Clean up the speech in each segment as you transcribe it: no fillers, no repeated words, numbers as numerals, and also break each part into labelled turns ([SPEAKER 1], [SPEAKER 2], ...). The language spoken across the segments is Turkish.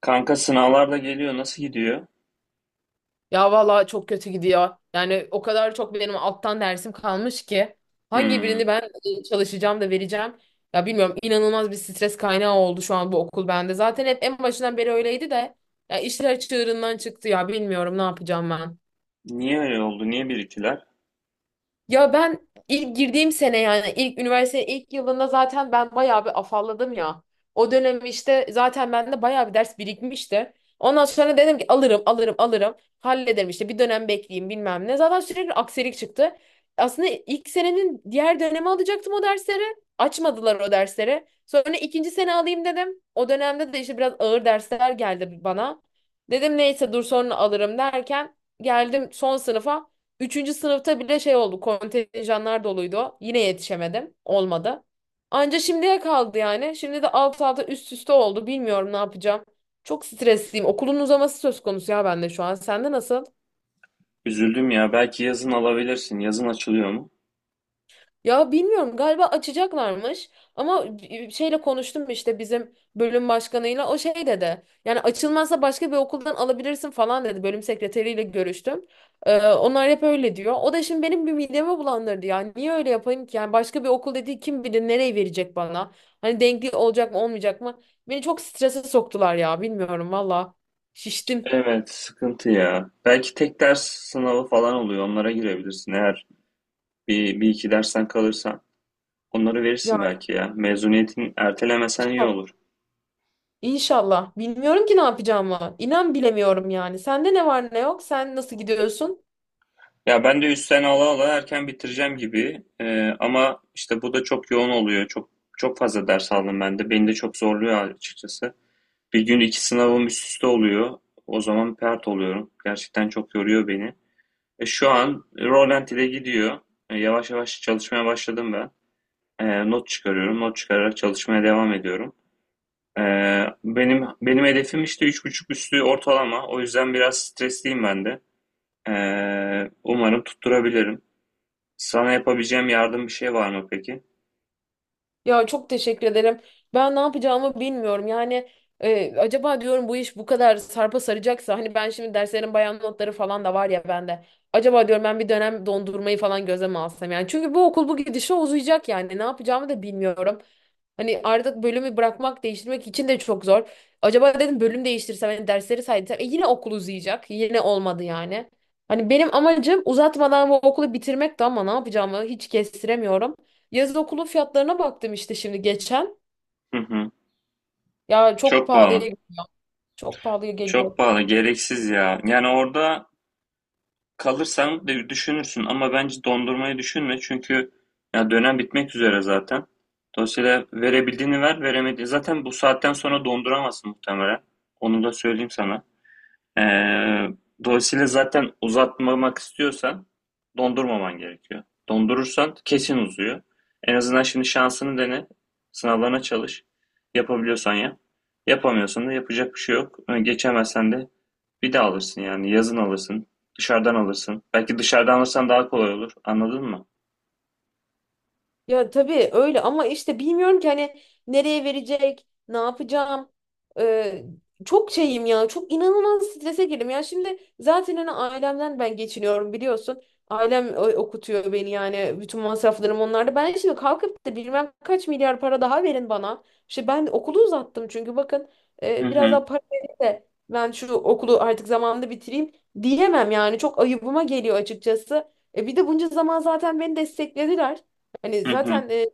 [SPEAKER 1] Kanka sınavlar da geliyor. Nasıl gidiyor?
[SPEAKER 2] Ya valla çok kötü gidiyor. Yani o kadar çok benim alttan dersim kalmış ki hangi
[SPEAKER 1] Hmm.
[SPEAKER 2] birini ben çalışacağım da vereceğim. Ya bilmiyorum inanılmaz bir stres kaynağı oldu şu an bu okul bende. Zaten hep en başından beri öyleydi de ya işler çığırından çıktı ya bilmiyorum ne yapacağım ben.
[SPEAKER 1] Niye öyle oldu? Niye biriktiler?
[SPEAKER 2] Ya ben ilk girdiğim sene yani ilk üniversite ilk yılında zaten ben bayağı bir afalladım ya. O dönem işte zaten bende bayağı bir ders birikmişti. Ondan sonra dedim ki alırım alırım alırım hallederim işte bir dönem bekleyeyim bilmem ne. Zaten sürekli aksilik çıktı. Aslında ilk senenin diğer dönemi alacaktım o dersleri. Açmadılar o dersleri. Sonra ikinci sene alayım dedim. O dönemde de işte biraz ağır dersler geldi bana. Dedim neyse dur sonra alırım derken geldim son sınıfa. Üçüncü sınıfta bile şey oldu. Kontenjanlar doluydu. Yine yetişemedim. Olmadı. Anca şimdiye kaldı yani. Şimdi de alt alta üst üste oldu. Bilmiyorum ne yapacağım. Çok stresliyim. Okulun uzaması söz konusu ya bende şu an. Sende nasıl?
[SPEAKER 1] Üzüldüm ya. Belki yazın alabilirsin. Yazın açılıyor mu?
[SPEAKER 2] Ya bilmiyorum galiba açacaklarmış ama şeyle konuştum işte bizim bölüm başkanıyla o şey dedi. Yani açılmazsa başka bir okuldan alabilirsin falan dedi. Bölüm sekreteriyle görüştüm. Onlar hep öyle diyor. O da şimdi benim bir midemi bulandırdı ya. Niye öyle yapayım ki? Yani başka bir okul dediği kim bilir nereye verecek bana? Hani denkli olacak mı olmayacak mı? Beni çok strese soktular ya bilmiyorum valla. Şiştim.
[SPEAKER 1] Evet, sıkıntı ya. Belki tek ders sınavı falan oluyor. Onlara girebilirsin. Eğer bir iki dersten kalırsan onları
[SPEAKER 2] Ya
[SPEAKER 1] verirsin belki ya. Mezuniyetini ertelemesen iyi olur.
[SPEAKER 2] İnşallah. Bilmiyorum ki ne yapacağımı. İnan bilemiyorum yani. Sende ne var ne yok? Sen nasıl gidiyorsun?
[SPEAKER 1] Ya ben de üstten ala ala erken bitireceğim gibi. Ama işte bu da çok yoğun oluyor. Çok çok fazla ders aldım ben de. Beni de çok zorluyor açıkçası. Bir gün iki sınavım üst üste oluyor. O zaman pert oluyorum. Gerçekten çok yoruyor beni. Şu an Roland ile gidiyor. Yavaş yavaş çalışmaya başladım ben. Not çıkarıyorum. Not çıkararak çalışmaya devam ediyorum. E, benim hedefim işte 3,5 üstü ortalama. O yüzden biraz stresliyim ben de. E, Umarım tutturabilirim. Sana yapabileceğim yardım bir şey var mı peki?
[SPEAKER 2] Ya çok teşekkür ederim. Ben ne yapacağımı bilmiyorum. Yani acaba diyorum bu iş bu kadar sarpa saracaksa hani ben şimdi derslerin bayan notları falan da var ya bende. Acaba diyorum ben bir dönem dondurmayı falan gözeme alsam yani. Çünkü bu okul bu gidişe uzayacak yani. Ne yapacağımı da bilmiyorum. Hani artık bölümü bırakmak, değiştirmek için de çok zor. Acaba dedim bölüm değiştirsem, hani dersleri saydıysam yine okul uzayacak. Yine olmadı yani. Hani benim amacım uzatmadan bu okulu bitirmekti ama ne yapacağımı hiç kestiremiyorum. Yaz okulu fiyatlarına baktım işte şimdi geçen.
[SPEAKER 1] Hı hı.
[SPEAKER 2] Ya çok
[SPEAKER 1] Çok pahalı.
[SPEAKER 2] pahalıya çok pahalıya geliyor.
[SPEAKER 1] Çok pahalı. Gereksiz ya. Yani orada kalırsan de düşünürsün ama bence dondurmayı düşünme çünkü ya dönem bitmek üzere zaten. Dolayısıyla verebildiğini ver, veremediğini zaten bu saatten sonra donduramazsın muhtemelen. Onu da söyleyeyim sana. Ee, Dolayısıyla zaten uzatmamak istiyorsan dondurmaman gerekiyor. Dondurursan kesin uzuyor. En azından şimdi şansını dene. Sınavlarına çalış. Yapabiliyorsan yap. Yapamıyorsan da yapacak bir şey yok. Geçemezsen de bir daha alırsın yani. Yazın alırsın. Dışarıdan alırsın. Belki dışarıdan alırsan daha kolay olur. Anladın mı?
[SPEAKER 2] Ya tabii öyle ama işte bilmiyorum ki hani nereye verecek, ne yapacağım. Ee, Çok şeyim ya, çok inanılmaz strese girdim. Ya şimdi zaten hani ailemden ben geçiniyorum biliyorsun. Ailem okutuyor beni yani bütün masraflarım onlarda. Ben şimdi kalkıp da bilmem kaç milyar para daha verin bana. İşte ben okulu uzattım çünkü bakın
[SPEAKER 1] Hı
[SPEAKER 2] biraz
[SPEAKER 1] hı.
[SPEAKER 2] daha para verin de ben şu okulu artık zamanında bitireyim diyemem yani. Çok ayıbıma geliyor açıkçası. Bir de bunca zaman zaten beni desteklediler. Hani
[SPEAKER 1] Hı hı.
[SPEAKER 2] zaten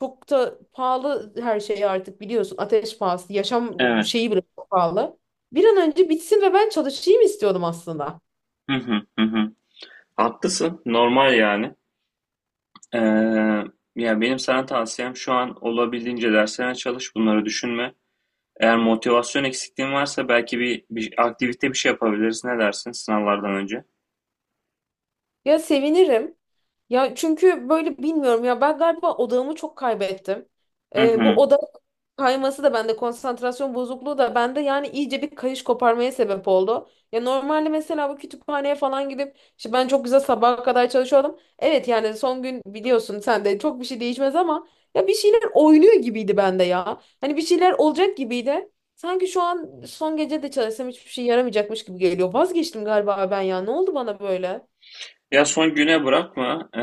[SPEAKER 2] çok da pahalı her şey artık biliyorsun. Ateş pahası, yaşam
[SPEAKER 1] Evet.
[SPEAKER 2] şeyi bile çok pahalı. Bir an önce bitsin ve ben çalışayım istiyordum aslında.
[SPEAKER 1] Hı hı. Hı hı. Haklısın. Normal yani. Ee, Ya benim sana tavsiyem şu an olabildiğince derslerine çalış, bunları düşünme. Eğer motivasyon eksikliğin varsa belki bir aktivite bir şey yapabiliriz. Ne dersin sınavlardan önce?
[SPEAKER 2] Ya sevinirim. Ya çünkü böyle bilmiyorum ya ben galiba odağımı çok kaybettim.
[SPEAKER 1] Hı
[SPEAKER 2] Bu
[SPEAKER 1] hı.
[SPEAKER 2] odak kayması da bende konsantrasyon bozukluğu da bende yani iyice bir kayış koparmaya sebep oldu. Ya normalde mesela bu kütüphaneye falan gidip işte ben çok güzel sabaha kadar çalışıyordum. Evet yani son gün biliyorsun sen de çok bir şey değişmez ama ya bir şeyler oynuyor gibiydi bende ya. Hani bir şeyler olacak gibiydi. Sanki şu an son gece de çalışsam hiçbir şey yaramayacakmış gibi geliyor. Vazgeçtim galiba ben ya. Ne oldu bana böyle?
[SPEAKER 1] Ya son güne bırakma.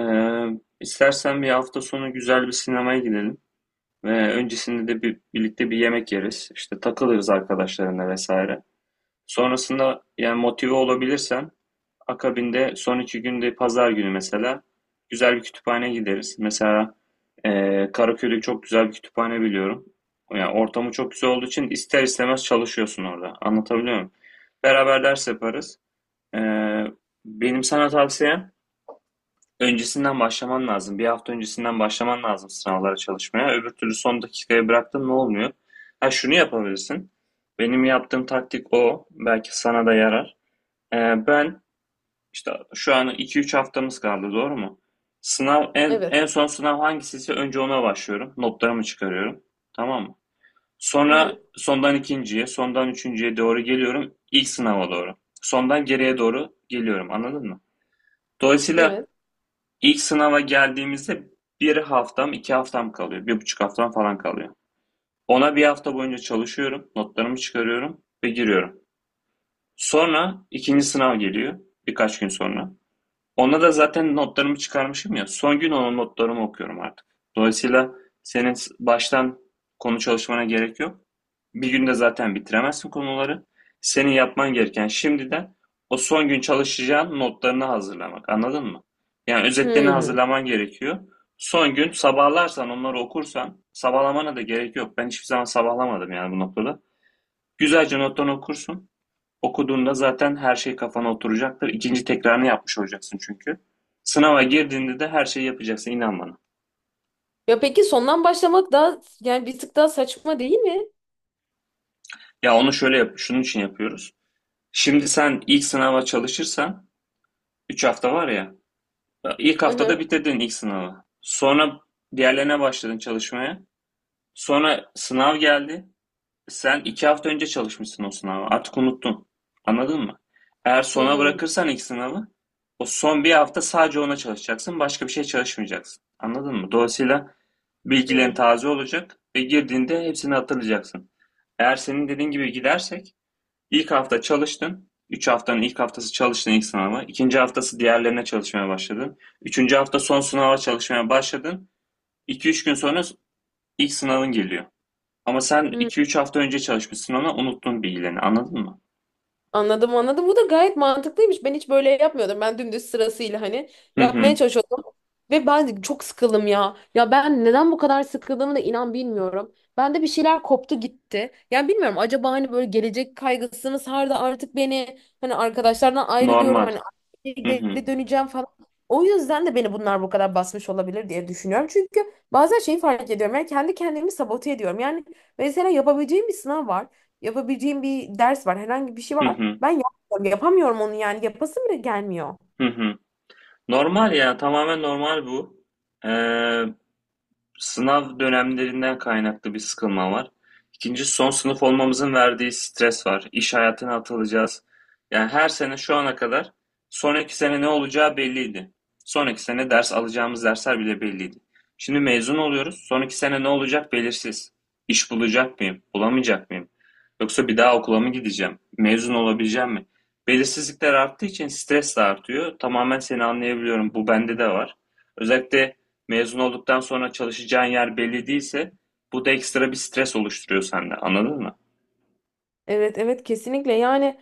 [SPEAKER 1] İstersen bir hafta sonu güzel bir sinemaya gidelim. Ve öncesinde de birlikte bir yemek yeriz. İşte takılırız arkadaşlarına vesaire. Sonrasında yani motive olabilirsen akabinde son iki günde pazar günü mesela güzel bir kütüphane gideriz. Mesela Karaköy'de çok güzel bir kütüphane biliyorum. Yani ortamı çok güzel olduğu için ister istemez çalışıyorsun orada. Anlatabiliyor muyum? Beraber ders yaparız. Eee, Benim sana tavsiyem öncesinden başlaman lazım. Bir hafta öncesinden başlaman lazım sınavlara çalışmaya. Öbür türlü son dakikaya bıraktın ne olmuyor? Ha şunu yapabilirsin. Benim yaptığım taktik o. Belki sana da yarar. Ben işte şu an iki üç haftamız kaldı, doğru mu? Sınav
[SPEAKER 2] Evet.
[SPEAKER 1] en son sınav hangisiyse önce ona başlıyorum. Notlarımı çıkarıyorum. Tamam mı?
[SPEAKER 2] Hı
[SPEAKER 1] Sonra
[SPEAKER 2] hı.
[SPEAKER 1] sondan ikinciye, sondan üçüncüye doğru geliyorum. İlk sınava doğru. Sondan geriye doğru geliyorum. Anladın mı? Dolayısıyla
[SPEAKER 2] Evet.
[SPEAKER 1] ilk sınava geldiğimizde iki haftam kalıyor. Bir buçuk haftam falan kalıyor. Ona bir hafta boyunca çalışıyorum. Notlarımı çıkarıyorum ve giriyorum. Sonra ikinci sınav geliyor. Birkaç gün sonra. Ona da zaten notlarımı çıkarmışım ya. Son gün onun notlarımı okuyorum artık. Dolayısıyla baştan konu çalışmana gerek yok. Bir günde zaten bitiremezsin konuları. Senin yapman gereken şimdiden o son gün çalışacağın notlarını hazırlamak. Anladın mı? Yani özetlerini
[SPEAKER 2] Hmm.
[SPEAKER 1] hazırlaman gerekiyor. Son gün sabahlarsan onları okursan sabahlamana da gerek yok. Ben hiçbir zaman sabahlamadım yani bu noktada. Güzelce notlarını okursun. Okuduğunda zaten her şey kafana oturacaktır. İkinci tekrarını yapmış olacaksın çünkü. Sınava girdiğinde de her şeyi yapacaksın inan bana.
[SPEAKER 2] Ya peki sondan başlamak daha yani bir tık daha saçma değil mi?
[SPEAKER 1] Ya onu şöyle yap, şunun için yapıyoruz. Şimdi sen ilk sınava çalışırsan 3 hafta var ya. İlk
[SPEAKER 2] Hı
[SPEAKER 1] haftada
[SPEAKER 2] hı.
[SPEAKER 1] bitirdin ilk sınavı. Sonra diğerlerine başladın çalışmaya. Sonra sınav geldi. Sen iki hafta önce çalışmışsın o sınava. Artık unuttun. Anladın mı? Eğer sona
[SPEAKER 2] Hmm.
[SPEAKER 1] bırakırsan ilk sınavı, o son bir hafta sadece ona çalışacaksın. Başka bir şey çalışmayacaksın. Anladın mı? Dolayısıyla bilgilerin taze olacak ve girdiğinde hepsini hatırlayacaksın. Eğer senin dediğin gibi gidersek, ilk hafta çalıştın. Üç haftanın ilk haftası çalıştın ilk sınava. İkinci haftası diğerlerine çalışmaya başladın. Üçüncü hafta son sınava çalışmaya başladın. İki üç gün sonra ilk sınavın geliyor. Ama sen
[SPEAKER 2] Hmm.
[SPEAKER 1] iki üç hafta önce çalışmışsın ona, unuttun bilgilerini, anladın mı?
[SPEAKER 2] Anladım anladım. Bu da gayet mantıklıymış. Ben hiç böyle yapmıyordum. Ben dümdüz sırasıyla hani
[SPEAKER 1] Hı
[SPEAKER 2] yapmaya
[SPEAKER 1] hı.
[SPEAKER 2] çalışıyordum. Ve ben çok sıkıldım ya. Ya ben neden bu kadar sıkıldığımı da inan bilmiyorum. Bende bir şeyler koptu gitti. Yani bilmiyorum acaba hani böyle gelecek kaygısı mı sardı artık beni. Hani arkadaşlardan ayrılıyorum.
[SPEAKER 1] Normal.
[SPEAKER 2] Hani
[SPEAKER 1] Hı hı.
[SPEAKER 2] geri döneceğim falan. O yüzden de beni bunlar bu kadar basmış olabilir diye düşünüyorum. Çünkü bazen şeyi fark ediyorum. Yani kendi kendimi sabote ediyorum. Yani mesela yapabileceğim bir sınav var. Yapabileceğim bir ders var. Herhangi bir şey
[SPEAKER 1] Hı
[SPEAKER 2] var.
[SPEAKER 1] hı.
[SPEAKER 2] Ben yapmıyorum, yapamıyorum onu yani yapasım bile gelmiyor.
[SPEAKER 1] Hı hı. Normal ya, tamamen normal bu. Ee, Sınav dönemlerinden kaynaklı bir sıkılma var. İkinci son sınıf olmamızın verdiği stres var. İş hayatına atılacağız. Yani her sene şu ana kadar sonraki sene ne olacağı belliydi. Sonraki sene ders alacağımız dersler bile belliydi. Şimdi mezun oluyoruz. Sonraki sene ne olacak belirsiz. İş bulacak mıyım? Bulamayacak mıyım? Yoksa bir daha okula mı gideceğim? Mezun olabileceğim mi? Belirsizlikler arttığı için stres de artıyor. Tamamen seni anlayabiliyorum. Bu bende de var. Özellikle mezun olduktan sonra çalışacağın yer belli değilse bu da ekstra bir stres oluşturuyor sende. Anladın mı?
[SPEAKER 2] Evet evet kesinlikle yani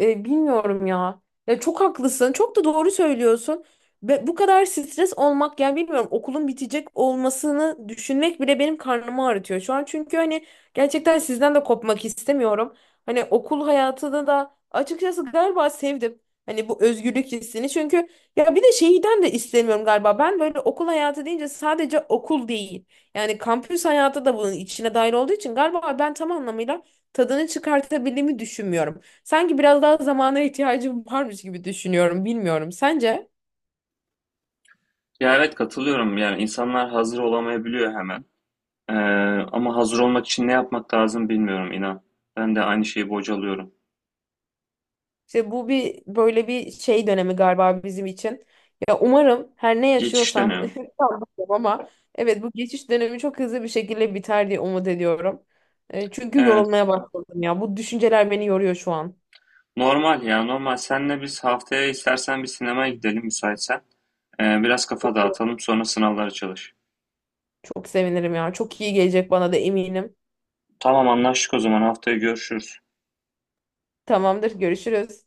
[SPEAKER 2] bilmiyorum ya. Ya çok haklısın. Çok da doğru söylüyorsun. Ve bu kadar stres olmak yani bilmiyorum okulun bitecek olmasını düşünmek bile benim karnımı ağrıtıyor şu an. Çünkü hani gerçekten sizden de kopmak istemiyorum. Hani okul hayatını da açıkçası galiba sevdim. Hani bu özgürlük hissini. Çünkü ya bir de şeyden de istemiyorum galiba. Ben böyle okul hayatı deyince sadece okul değil. Yani kampüs hayatı da bunun içine dahil olduğu için galiba ben tam anlamıyla tadını çıkartabildiğimi düşünmüyorum. Sanki biraz daha zamana ihtiyacım varmış gibi düşünüyorum. Bilmiyorum. Sence?
[SPEAKER 1] Ya evet katılıyorum. Yani insanlar hazır olamayabiliyor hemen. Ee, Ama hazır olmak için ne yapmak lazım bilmiyorum inan. Ben de aynı şeyi bocalıyorum.
[SPEAKER 2] İşte bu bir böyle bir şey dönemi galiba bizim için. Ya umarım her ne
[SPEAKER 1] Geçiş
[SPEAKER 2] yaşıyorsam
[SPEAKER 1] dönemi.
[SPEAKER 2] sanmıyorum ama evet bu geçiş dönemi çok hızlı bir şekilde biter diye umut ediyorum. Çünkü
[SPEAKER 1] Evet.
[SPEAKER 2] yorulmaya başladım ya. Bu düşünceler beni yoruyor şu an.
[SPEAKER 1] Normal ya normal. Senle biz haftaya istersen bir sinemaya gidelim müsaitsen. Biraz kafa dağıtalım sonra sınavlara çalış.
[SPEAKER 2] Çok sevinirim ya. Çok iyi gelecek bana da eminim.
[SPEAKER 1] Tamam anlaştık o zaman haftaya görüşürüz.
[SPEAKER 2] Tamamdır, görüşürüz.